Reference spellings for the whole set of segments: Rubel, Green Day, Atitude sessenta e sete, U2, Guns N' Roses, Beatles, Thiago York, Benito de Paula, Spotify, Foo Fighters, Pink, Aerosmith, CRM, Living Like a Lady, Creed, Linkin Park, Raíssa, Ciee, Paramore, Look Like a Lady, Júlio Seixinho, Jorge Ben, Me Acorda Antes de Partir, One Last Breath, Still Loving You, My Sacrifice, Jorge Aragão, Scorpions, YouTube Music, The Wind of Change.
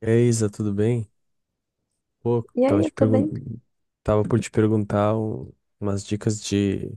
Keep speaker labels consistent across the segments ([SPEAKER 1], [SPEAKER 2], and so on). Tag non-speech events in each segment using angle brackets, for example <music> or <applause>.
[SPEAKER 1] E aí, Isa, tudo bem? Pô,
[SPEAKER 2] E aí, eu tô bem.
[SPEAKER 1] tava por umas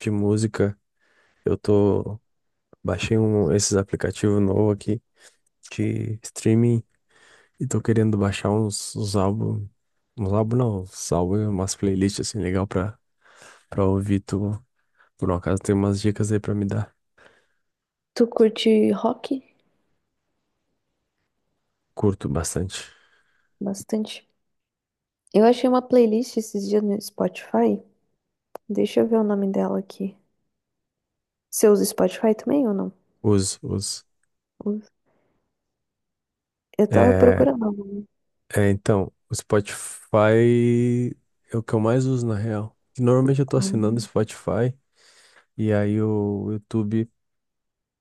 [SPEAKER 1] de música. Eu tô Baixei esses aplicativos novo aqui de streaming e tô querendo baixar uns álbuns, umas playlists assim legal pra para ouvir tu. Por um acaso tem umas dicas aí pra me dar.
[SPEAKER 2] Tu curte rock?
[SPEAKER 1] Curto bastante.
[SPEAKER 2] Bastante. Eu achei uma playlist esses dias no Spotify. Deixa eu ver o nome dela aqui. Você usa Spotify também ou não?
[SPEAKER 1] Uso, uso.
[SPEAKER 2] Uso. Eu tava
[SPEAKER 1] É,
[SPEAKER 2] procurando algum.
[SPEAKER 1] É, então, o Spotify é o que eu mais uso na real. Que normalmente eu tô assinando o
[SPEAKER 2] Ah.
[SPEAKER 1] Spotify, e aí o YouTube,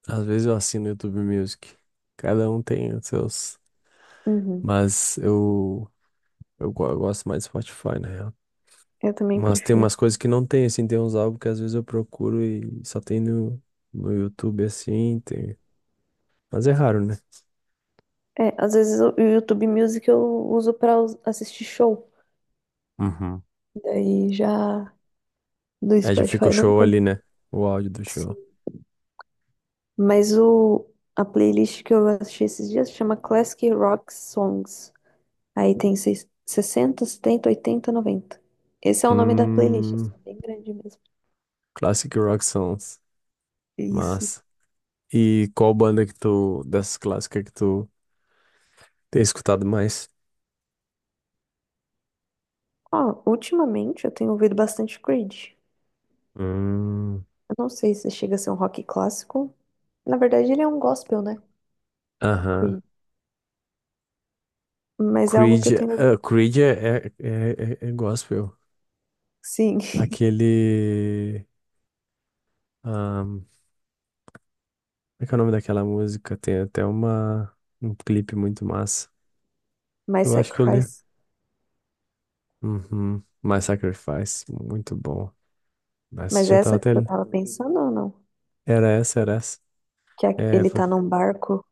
[SPEAKER 1] às vezes eu assino o YouTube Music. Cada um tem os seus,
[SPEAKER 2] Uhum.
[SPEAKER 1] mas eu gosto mais do Spotify na real.
[SPEAKER 2] Eu também
[SPEAKER 1] Mas tem
[SPEAKER 2] prefiro.
[SPEAKER 1] umas coisas que não tem assim, tem uns álbuns que às vezes eu procuro e só tem no YouTube assim, tem. Mas é raro, né?
[SPEAKER 2] É, às vezes o YouTube Music eu uso pra assistir show.
[SPEAKER 1] Uhum.
[SPEAKER 2] Daí já do
[SPEAKER 1] É, já fica o
[SPEAKER 2] Spotify não
[SPEAKER 1] show
[SPEAKER 2] tem.
[SPEAKER 1] ali, né? O áudio do show.
[SPEAKER 2] Sim. Mas o, a playlist que eu achei esses dias chama Classic Rock Songs. Aí tem 60, 70, 80, 90. Esse é o nome da playlist,
[SPEAKER 1] Hum.
[SPEAKER 2] assim, bem grande mesmo.
[SPEAKER 1] Classic Rock Songs.
[SPEAKER 2] Isso.
[SPEAKER 1] Massa. E qual banda que tu, dessas clássicas que tu tem escutado mais?
[SPEAKER 2] Ó, ultimamente eu tenho ouvido bastante Creed.
[SPEAKER 1] Hum.
[SPEAKER 2] Eu não sei se chega a ser um rock clássico. Na verdade, ele é um gospel, né?
[SPEAKER 1] Aham.
[SPEAKER 2] Creed. Mas é algo que eu
[SPEAKER 1] Creed,
[SPEAKER 2] tenho ouvido.
[SPEAKER 1] ah, Creed é é gospel.
[SPEAKER 2] Sim, <laughs>
[SPEAKER 1] Aquele. ahn, Como é que é o nome daquela música? Tem até uma, um clipe muito massa.
[SPEAKER 2] My
[SPEAKER 1] Eu acho que eu li.
[SPEAKER 2] Sacrifice.
[SPEAKER 1] Uhum. My Sacrifice, muito bom. Mas
[SPEAKER 2] Mas
[SPEAKER 1] já
[SPEAKER 2] é
[SPEAKER 1] tava
[SPEAKER 2] essa que
[SPEAKER 1] até.
[SPEAKER 2] eu tava pensando ou não?
[SPEAKER 1] Era essa, era essa.
[SPEAKER 2] Que
[SPEAKER 1] É,
[SPEAKER 2] ele
[SPEAKER 1] fa-
[SPEAKER 2] tá num barco?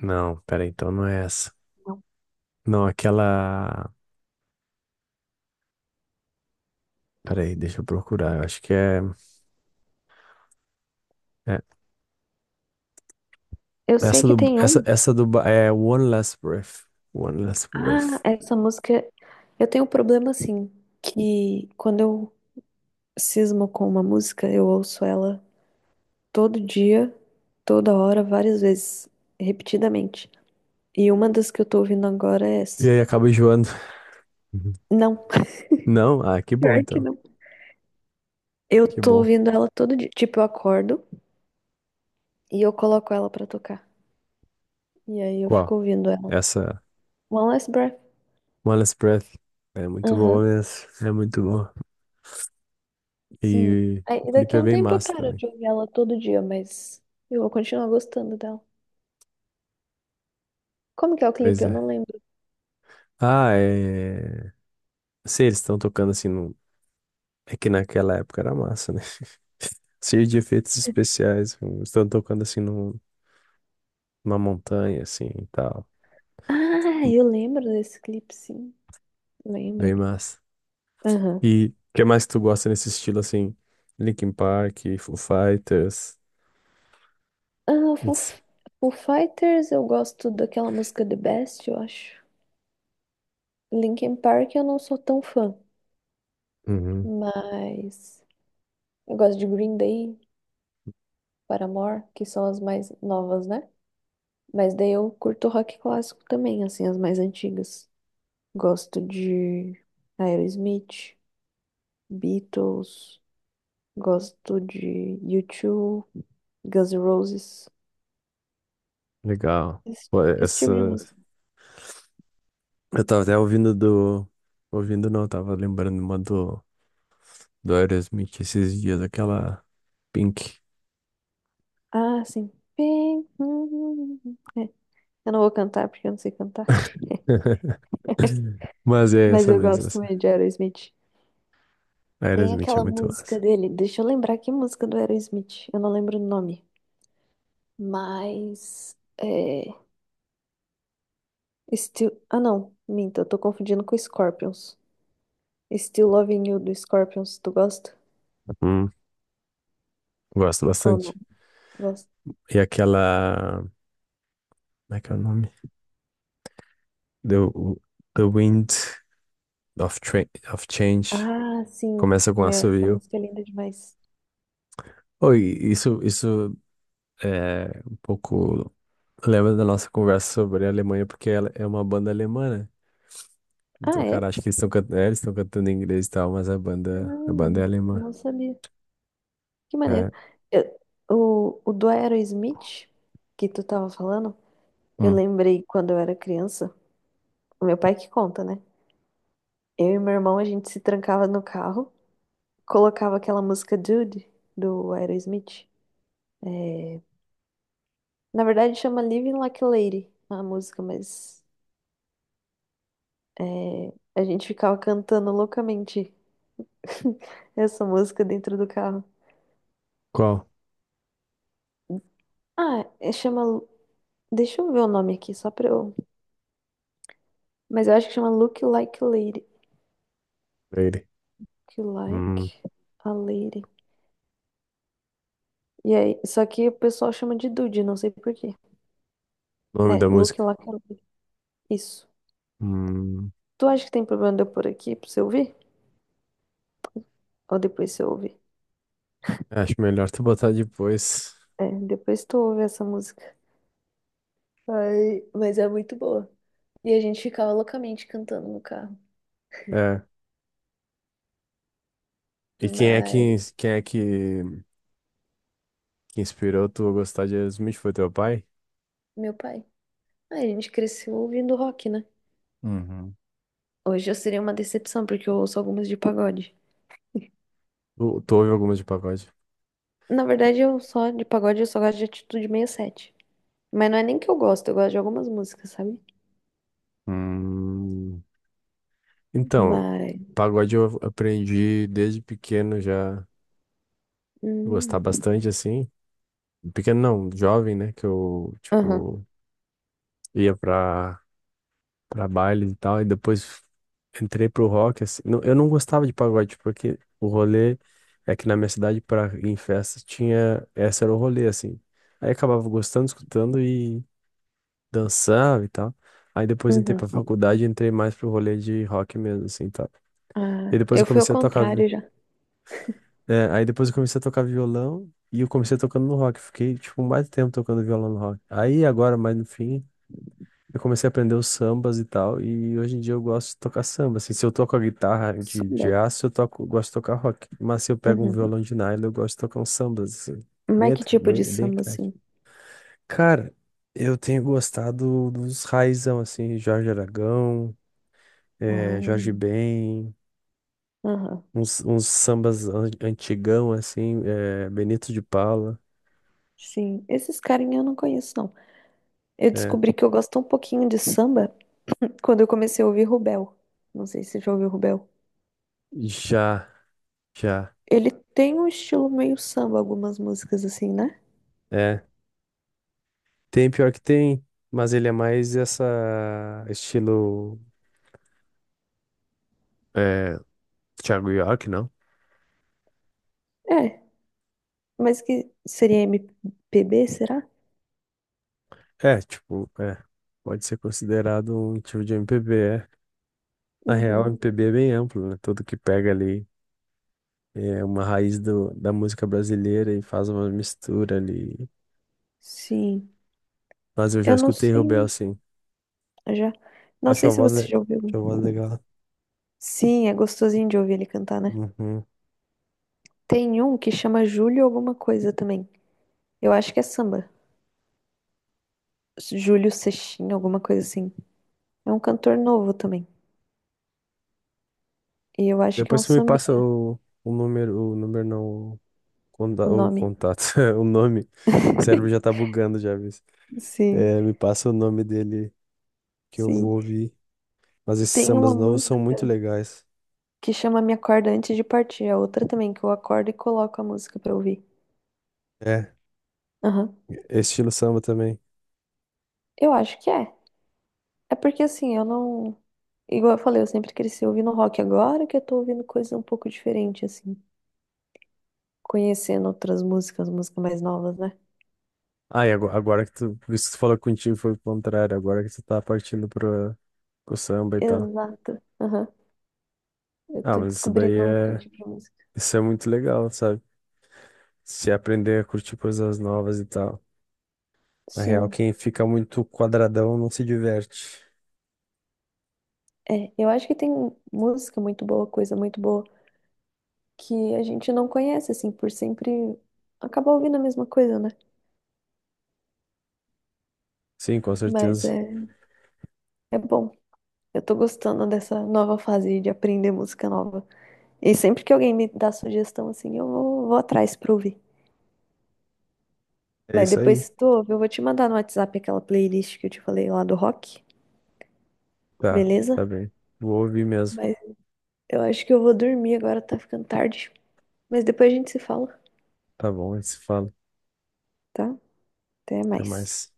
[SPEAKER 1] não, peraí, então não é essa.
[SPEAKER 2] Não.
[SPEAKER 1] Não, aquela. Peraí, deixa eu procurar. Eu acho que é. É.
[SPEAKER 2] Eu sei
[SPEAKER 1] Essa
[SPEAKER 2] que
[SPEAKER 1] do,
[SPEAKER 2] tem
[SPEAKER 1] essa,
[SPEAKER 2] um.
[SPEAKER 1] essa do, Ba- é One Last Breath. One Last
[SPEAKER 2] Ah,
[SPEAKER 1] Breath.
[SPEAKER 2] essa música. Eu tenho um problema assim, que quando eu cismo com uma música, eu ouço ela todo dia, toda hora, várias vezes, repetidamente. E uma das que eu tô ouvindo agora é
[SPEAKER 1] E
[SPEAKER 2] essa.
[SPEAKER 1] aí acaba enjoando. Uhum.
[SPEAKER 2] Não, <laughs>
[SPEAKER 1] Não? Ah, que bom
[SPEAKER 2] pior que
[SPEAKER 1] então.
[SPEAKER 2] não. Eu
[SPEAKER 1] Que
[SPEAKER 2] tô
[SPEAKER 1] bom.
[SPEAKER 2] ouvindo ela todo dia. Tipo, eu acordo e eu coloco ela pra tocar. E aí eu
[SPEAKER 1] Qual?
[SPEAKER 2] fico ouvindo ela.
[SPEAKER 1] Essa
[SPEAKER 2] One Last Breath.
[SPEAKER 1] One Last Breath. É muito boa
[SPEAKER 2] Aham,
[SPEAKER 1] mesmo. É muito boa.
[SPEAKER 2] sim.
[SPEAKER 1] E o
[SPEAKER 2] Aí
[SPEAKER 1] clipe
[SPEAKER 2] daqui a
[SPEAKER 1] é
[SPEAKER 2] um
[SPEAKER 1] bem
[SPEAKER 2] tempo eu
[SPEAKER 1] massa
[SPEAKER 2] paro
[SPEAKER 1] também.
[SPEAKER 2] de ouvir ela todo dia, mas eu vou continuar gostando dela. Como que é o clipe?
[SPEAKER 1] Pois
[SPEAKER 2] Eu
[SPEAKER 1] é.
[SPEAKER 2] não lembro.
[SPEAKER 1] Ah, é. Sei, eles estão tocando assim num... É que naquela época era massa, né? <laughs> Cheio de efeitos especiais. Estão tocando assim num- Numa montanha, assim e tal.
[SPEAKER 2] Ah, eu lembro desse clipe, sim. Lembro.
[SPEAKER 1] Bem massa.
[SPEAKER 2] Aham.
[SPEAKER 1] E o que mais tu gosta nesse estilo assim? Linkin Park, Foo Fighters.
[SPEAKER 2] Ah, Foo,
[SPEAKER 1] Ns-
[SPEAKER 2] Foo Fighters, eu gosto daquela música The Best, eu acho. Linkin Park eu não sou tão fã,
[SPEAKER 1] Uhum,
[SPEAKER 2] mas eu gosto de Green Day, Paramore, que são as mais novas, né? Mas daí eu curto rock clássico também, assim, as mais antigas. Gosto de Aerosmith, Beatles, gosto de U2, Guns N' Roses,
[SPEAKER 1] legal.
[SPEAKER 2] esse,
[SPEAKER 1] Pô,
[SPEAKER 2] esse
[SPEAKER 1] essa.
[SPEAKER 2] tipo de música.
[SPEAKER 1] Eu tava até ouvindo do. Ouvindo não, tava lembrando uma do Aerosmith esses dias, aquela Pink.
[SPEAKER 2] Ah, sim. Bem, hum, hum. É, eu não vou cantar porque eu não sei cantar.
[SPEAKER 1] <laughs> Mas é
[SPEAKER 2] Mas
[SPEAKER 1] essa
[SPEAKER 2] eu
[SPEAKER 1] mesmo,
[SPEAKER 2] gosto
[SPEAKER 1] essa.
[SPEAKER 2] também de Aerosmith. Tem
[SPEAKER 1] Aerosmith é
[SPEAKER 2] aquela
[SPEAKER 1] muito massa.
[SPEAKER 2] música dele, deixa eu lembrar que música do Aerosmith, eu não lembro o nome, mas é Still, ah não, minta, eu tô confundindo com Scorpions. Still Loving You do Scorpions, tu gosta?
[SPEAKER 1] Uhum. Gosto
[SPEAKER 2] Ou
[SPEAKER 1] bastante.
[SPEAKER 2] não? Gosto.
[SPEAKER 1] E aquela. Como é que é o nome? The, The Wind of, Tra- of Change.
[SPEAKER 2] Ah, sim.
[SPEAKER 1] Começa com
[SPEAKER 2] Meu, essa
[SPEAKER 1] assobio.
[SPEAKER 2] música é linda demais.
[SPEAKER 1] Oh, e isso é um pouco... Lembra da nossa conversa sobre a Alemanha, porque ela é uma banda alemã, né? Então,
[SPEAKER 2] Ah, é?
[SPEAKER 1] cara, acho que eles estão cantando em inglês e tal, mas a banda é
[SPEAKER 2] Ah,
[SPEAKER 1] alemã.
[SPEAKER 2] não sabia. Que
[SPEAKER 1] É.
[SPEAKER 2] maneiro. Eu- o do Aerosmith que tu tava falando, eu
[SPEAKER 1] Hum.
[SPEAKER 2] lembrei quando eu era criança, o meu pai que conta, né? Eu e meu irmão, a gente se trancava no carro, colocava aquela música Dude, do Aerosmith. Na verdade, chama Living Like a Lady, a música, mas é, a gente ficava cantando loucamente <laughs> essa música dentro do carro.
[SPEAKER 1] Qual?
[SPEAKER 2] Ah, chama. Deixa eu ver o nome aqui, só pra eu. Mas eu acho que chama Look Like a Lady.
[SPEAKER 1] Ele.
[SPEAKER 2] Look
[SPEAKER 1] Hum,
[SPEAKER 2] Like a Lady. E aí, só que o pessoal chama de Dude, não sei por quê.
[SPEAKER 1] nome
[SPEAKER 2] É,
[SPEAKER 1] da
[SPEAKER 2] Look
[SPEAKER 1] música.
[SPEAKER 2] Like a Lady. Isso.
[SPEAKER 1] Hum,
[SPEAKER 2] Tu acha que tem problema de eu pôr aqui pra você ouvir? Ou depois você ouve.
[SPEAKER 1] acho melhor tu botar depois.
[SPEAKER 2] É, depois tu ouve essa música. Ai, mas é muito boa. E a gente ficava loucamente cantando no carro.
[SPEAKER 1] É. E
[SPEAKER 2] Mas,
[SPEAKER 1] quem é que inspirou tu a gostar de Aerosmith? Foi teu pai?
[SPEAKER 2] meu pai. Ai, a gente cresceu ouvindo rock, né?
[SPEAKER 1] Uhum.
[SPEAKER 2] Hoje eu seria uma decepção, porque eu ouço algumas de pagode.
[SPEAKER 1] Tu ouve algumas de pagode?
[SPEAKER 2] Na verdade, eu só, de pagode, eu só gosto de Atitude 67. Mas não é nem que eu gosto de algumas músicas, sabe?
[SPEAKER 1] Hum, então,
[SPEAKER 2] Mas.
[SPEAKER 1] pagode eu aprendi desde pequeno já a gostar
[SPEAKER 2] Hum.
[SPEAKER 1] bastante, assim. Pequeno não, jovem, né? Que eu,
[SPEAKER 2] Aham.
[SPEAKER 1] tipo, ia pra baile e tal. E depois entrei pro rock, assim. Eu não gostava de pagode, porque o rolê é que na minha cidade, pra ir em festas, tinha. Esse era o rolê, assim. Aí acabava gostando, escutando e dançava e tal. Aí depois entrei pra
[SPEAKER 2] Uhum.
[SPEAKER 1] faculdade e entrei mais pro rolê de rock mesmo, assim, tal. E
[SPEAKER 2] Ah,
[SPEAKER 1] depois
[SPEAKER 2] eu
[SPEAKER 1] eu
[SPEAKER 2] fui ao
[SPEAKER 1] comecei a tocar. Vi-
[SPEAKER 2] contrário já.
[SPEAKER 1] é, aí depois eu comecei a tocar violão e eu comecei tocando no rock. Fiquei, tipo, mais tempo tocando violão no rock. Aí agora, mais no fim. Eu comecei a aprender os sambas e tal, e hoje em dia eu gosto de tocar samba. Assim, se eu toco a guitarra de
[SPEAKER 2] Samba.
[SPEAKER 1] aço, eu toco, gosto de tocar rock. Mas se eu pego um
[SPEAKER 2] Uhum.
[SPEAKER 1] violão de nylon, eu gosto de tocar uns sambas, assim.
[SPEAKER 2] Mas que tipo de
[SPEAKER 1] Bem, bem
[SPEAKER 2] samba,
[SPEAKER 1] eclético.
[SPEAKER 2] assim?
[SPEAKER 1] Cara, eu tenho gostado dos raizão, assim, Jorge Aragão,
[SPEAKER 2] Ah,
[SPEAKER 1] Jorge Ben,
[SPEAKER 2] aham.
[SPEAKER 1] uns sambas antigão, assim, Benito de Paula.
[SPEAKER 2] Sim, esses carinha eu não conheço, não. Eu
[SPEAKER 1] É.
[SPEAKER 2] descobri que eu gosto um pouquinho de samba quando eu comecei a ouvir Rubel. Não sei se você já ouviu Rubel.
[SPEAKER 1] Já, já.
[SPEAKER 2] Ele tem um estilo meio samba, algumas músicas assim, né?
[SPEAKER 1] É. Tem pior que tem. Mas ele é mais essa estilo. É, Thiago York, não?
[SPEAKER 2] É, mas que seria MPB, será?
[SPEAKER 1] É, tipo, é, Pode ser considerado um tipo de MPB, é. Na real,
[SPEAKER 2] Uhum.
[SPEAKER 1] MPB é bem amplo, né? Tudo que pega ali é uma raiz da música brasileira e faz uma mistura ali.
[SPEAKER 2] Sim.
[SPEAKER 1] Mas eu já
[SPEAKER 2] Eu não
[SPEAKER 1] escutei Rubel,
[SPEAKER 2] sei,
[SPEAKER 1] sim.
[SPEAKER 2] já. Não sei se você já ouviu.
[SPEAKER 1] Acho a voz legal.
[SPEAKER 2] Sim, é gostosinho de ouvir ele cantar, né?
[SPEAKER 1] Uhum.
[SPEAKER 2] Tem um que chama Júlio alguma coisa também. Eu acho que é samba. Júlio Seixinho, alguma coisa assim. É um cantor novo também. E eu acho que é
[SPEAKER 1] Depois
[SPEAKER 2] um
[SPEAKER 1] você me passa
[SPEAKER 2] sambinha
[SPEAKER 1] o número não, o,
[SPEAKER 2] o
[SPEAKER 1] o
[SPEAKER 2] nome.
[SPEAKER 1] contato, <laughs> o nome. O cérebro já
[SPEAKER 2] <laughs>
[SPEAKER 1] tá bugando, já, viu?
[SPEAKER 2] Sim,
[SPEAKER 1] É, me passa o nome dele que eu vou
[SPEAKER 2] sim.
[SPEAKER 1] ouvir. Mas esses
[SPEAKER 2] Tem
[SPEAKER 1] sambas
[SPEAKER 2] uma
[SPEAKER 1] novos são muito
[SPEAKER 2] música
[SPEAKER 1] legais.
[SPEAKER 2] que chama Me Acorda Antes de Partir. A outra também, que eu acordo e coloco a música pra ouvir.
[SPEAKER 1] É,
[SPEAKER 2] Aham.
[SPEAKER 1] estilo samba também.
[SPEAKER 2] Eu acho que é. É porque assim, eu não. Igual eu falei, eu sempre cresci ouvindo rock. Agora que eu tô ouvindo coisas um pouco diferente, assim. Conhecendo outras músicas, músicas mais novas, né?
[SPEAKER 1] Ah, e agora que tu, por isso que tu falou que contigo foi o contrário, agora que tu tá partindo pro samba e tal.
[SPEAKER 2] Exato. Aham. Eu
[SPEAKER 1] Ah,
[SPEAKER 2] tô
[SPEAKER 1] mas
[SPEAKER 2] descobrindo outro tipo de música.
[SPEAKER 1] isso é muito legal, sabe? Se aprender a curtir coisas novas e tal. Na real,
[SPEAKER 2] Sim.
[SPEAKER 1] quem fica muito quadradão não se diverte.
[SPEAKER 2] É, eu acho que tem música muito boa, coisa muito boa que a gente não conhece, assim, por sempre acaba ouvindo a mesma coisa, né?
[SPEAKER 1] Sim, com
[SPEAKER 2] Mas
[SPEAKER 1] certeza.
[SPEAKER 2] é, é bom. Eu tô gostando dessa nova fase de aprender música nova. E sempre que alguém me dá sugestão, assim, eu vou atrás pra ouvir.
[SPEAKER 1] É
[SPEAKER 2] Mas
[SPEAKER 1] isso
[SPEAKER 2] depois,
[SPEAKER 1] aí.
[SPEAKER 2] se tu ouve, eu vou te mandar no WhatsApp aquela playlist que eu te falei lá do rock,
[SPEAKER 1] Tá,
[SPEAKER 2] beleza?
[SPEAKER 1] tá bem. Vou ouvir mesmo.
[SPEAKER 2] Mas eu acho que eu vou dormir agora, tá ficando tarde. Mas depois a gente se fala,
[SPEAKER 1] Tá bom, a gente se fala.
[SPEAKER 2] tá? Até
[SPEAKER 1] Até
[SPEAKER 2] mais.
[SPEAKER 1] mais.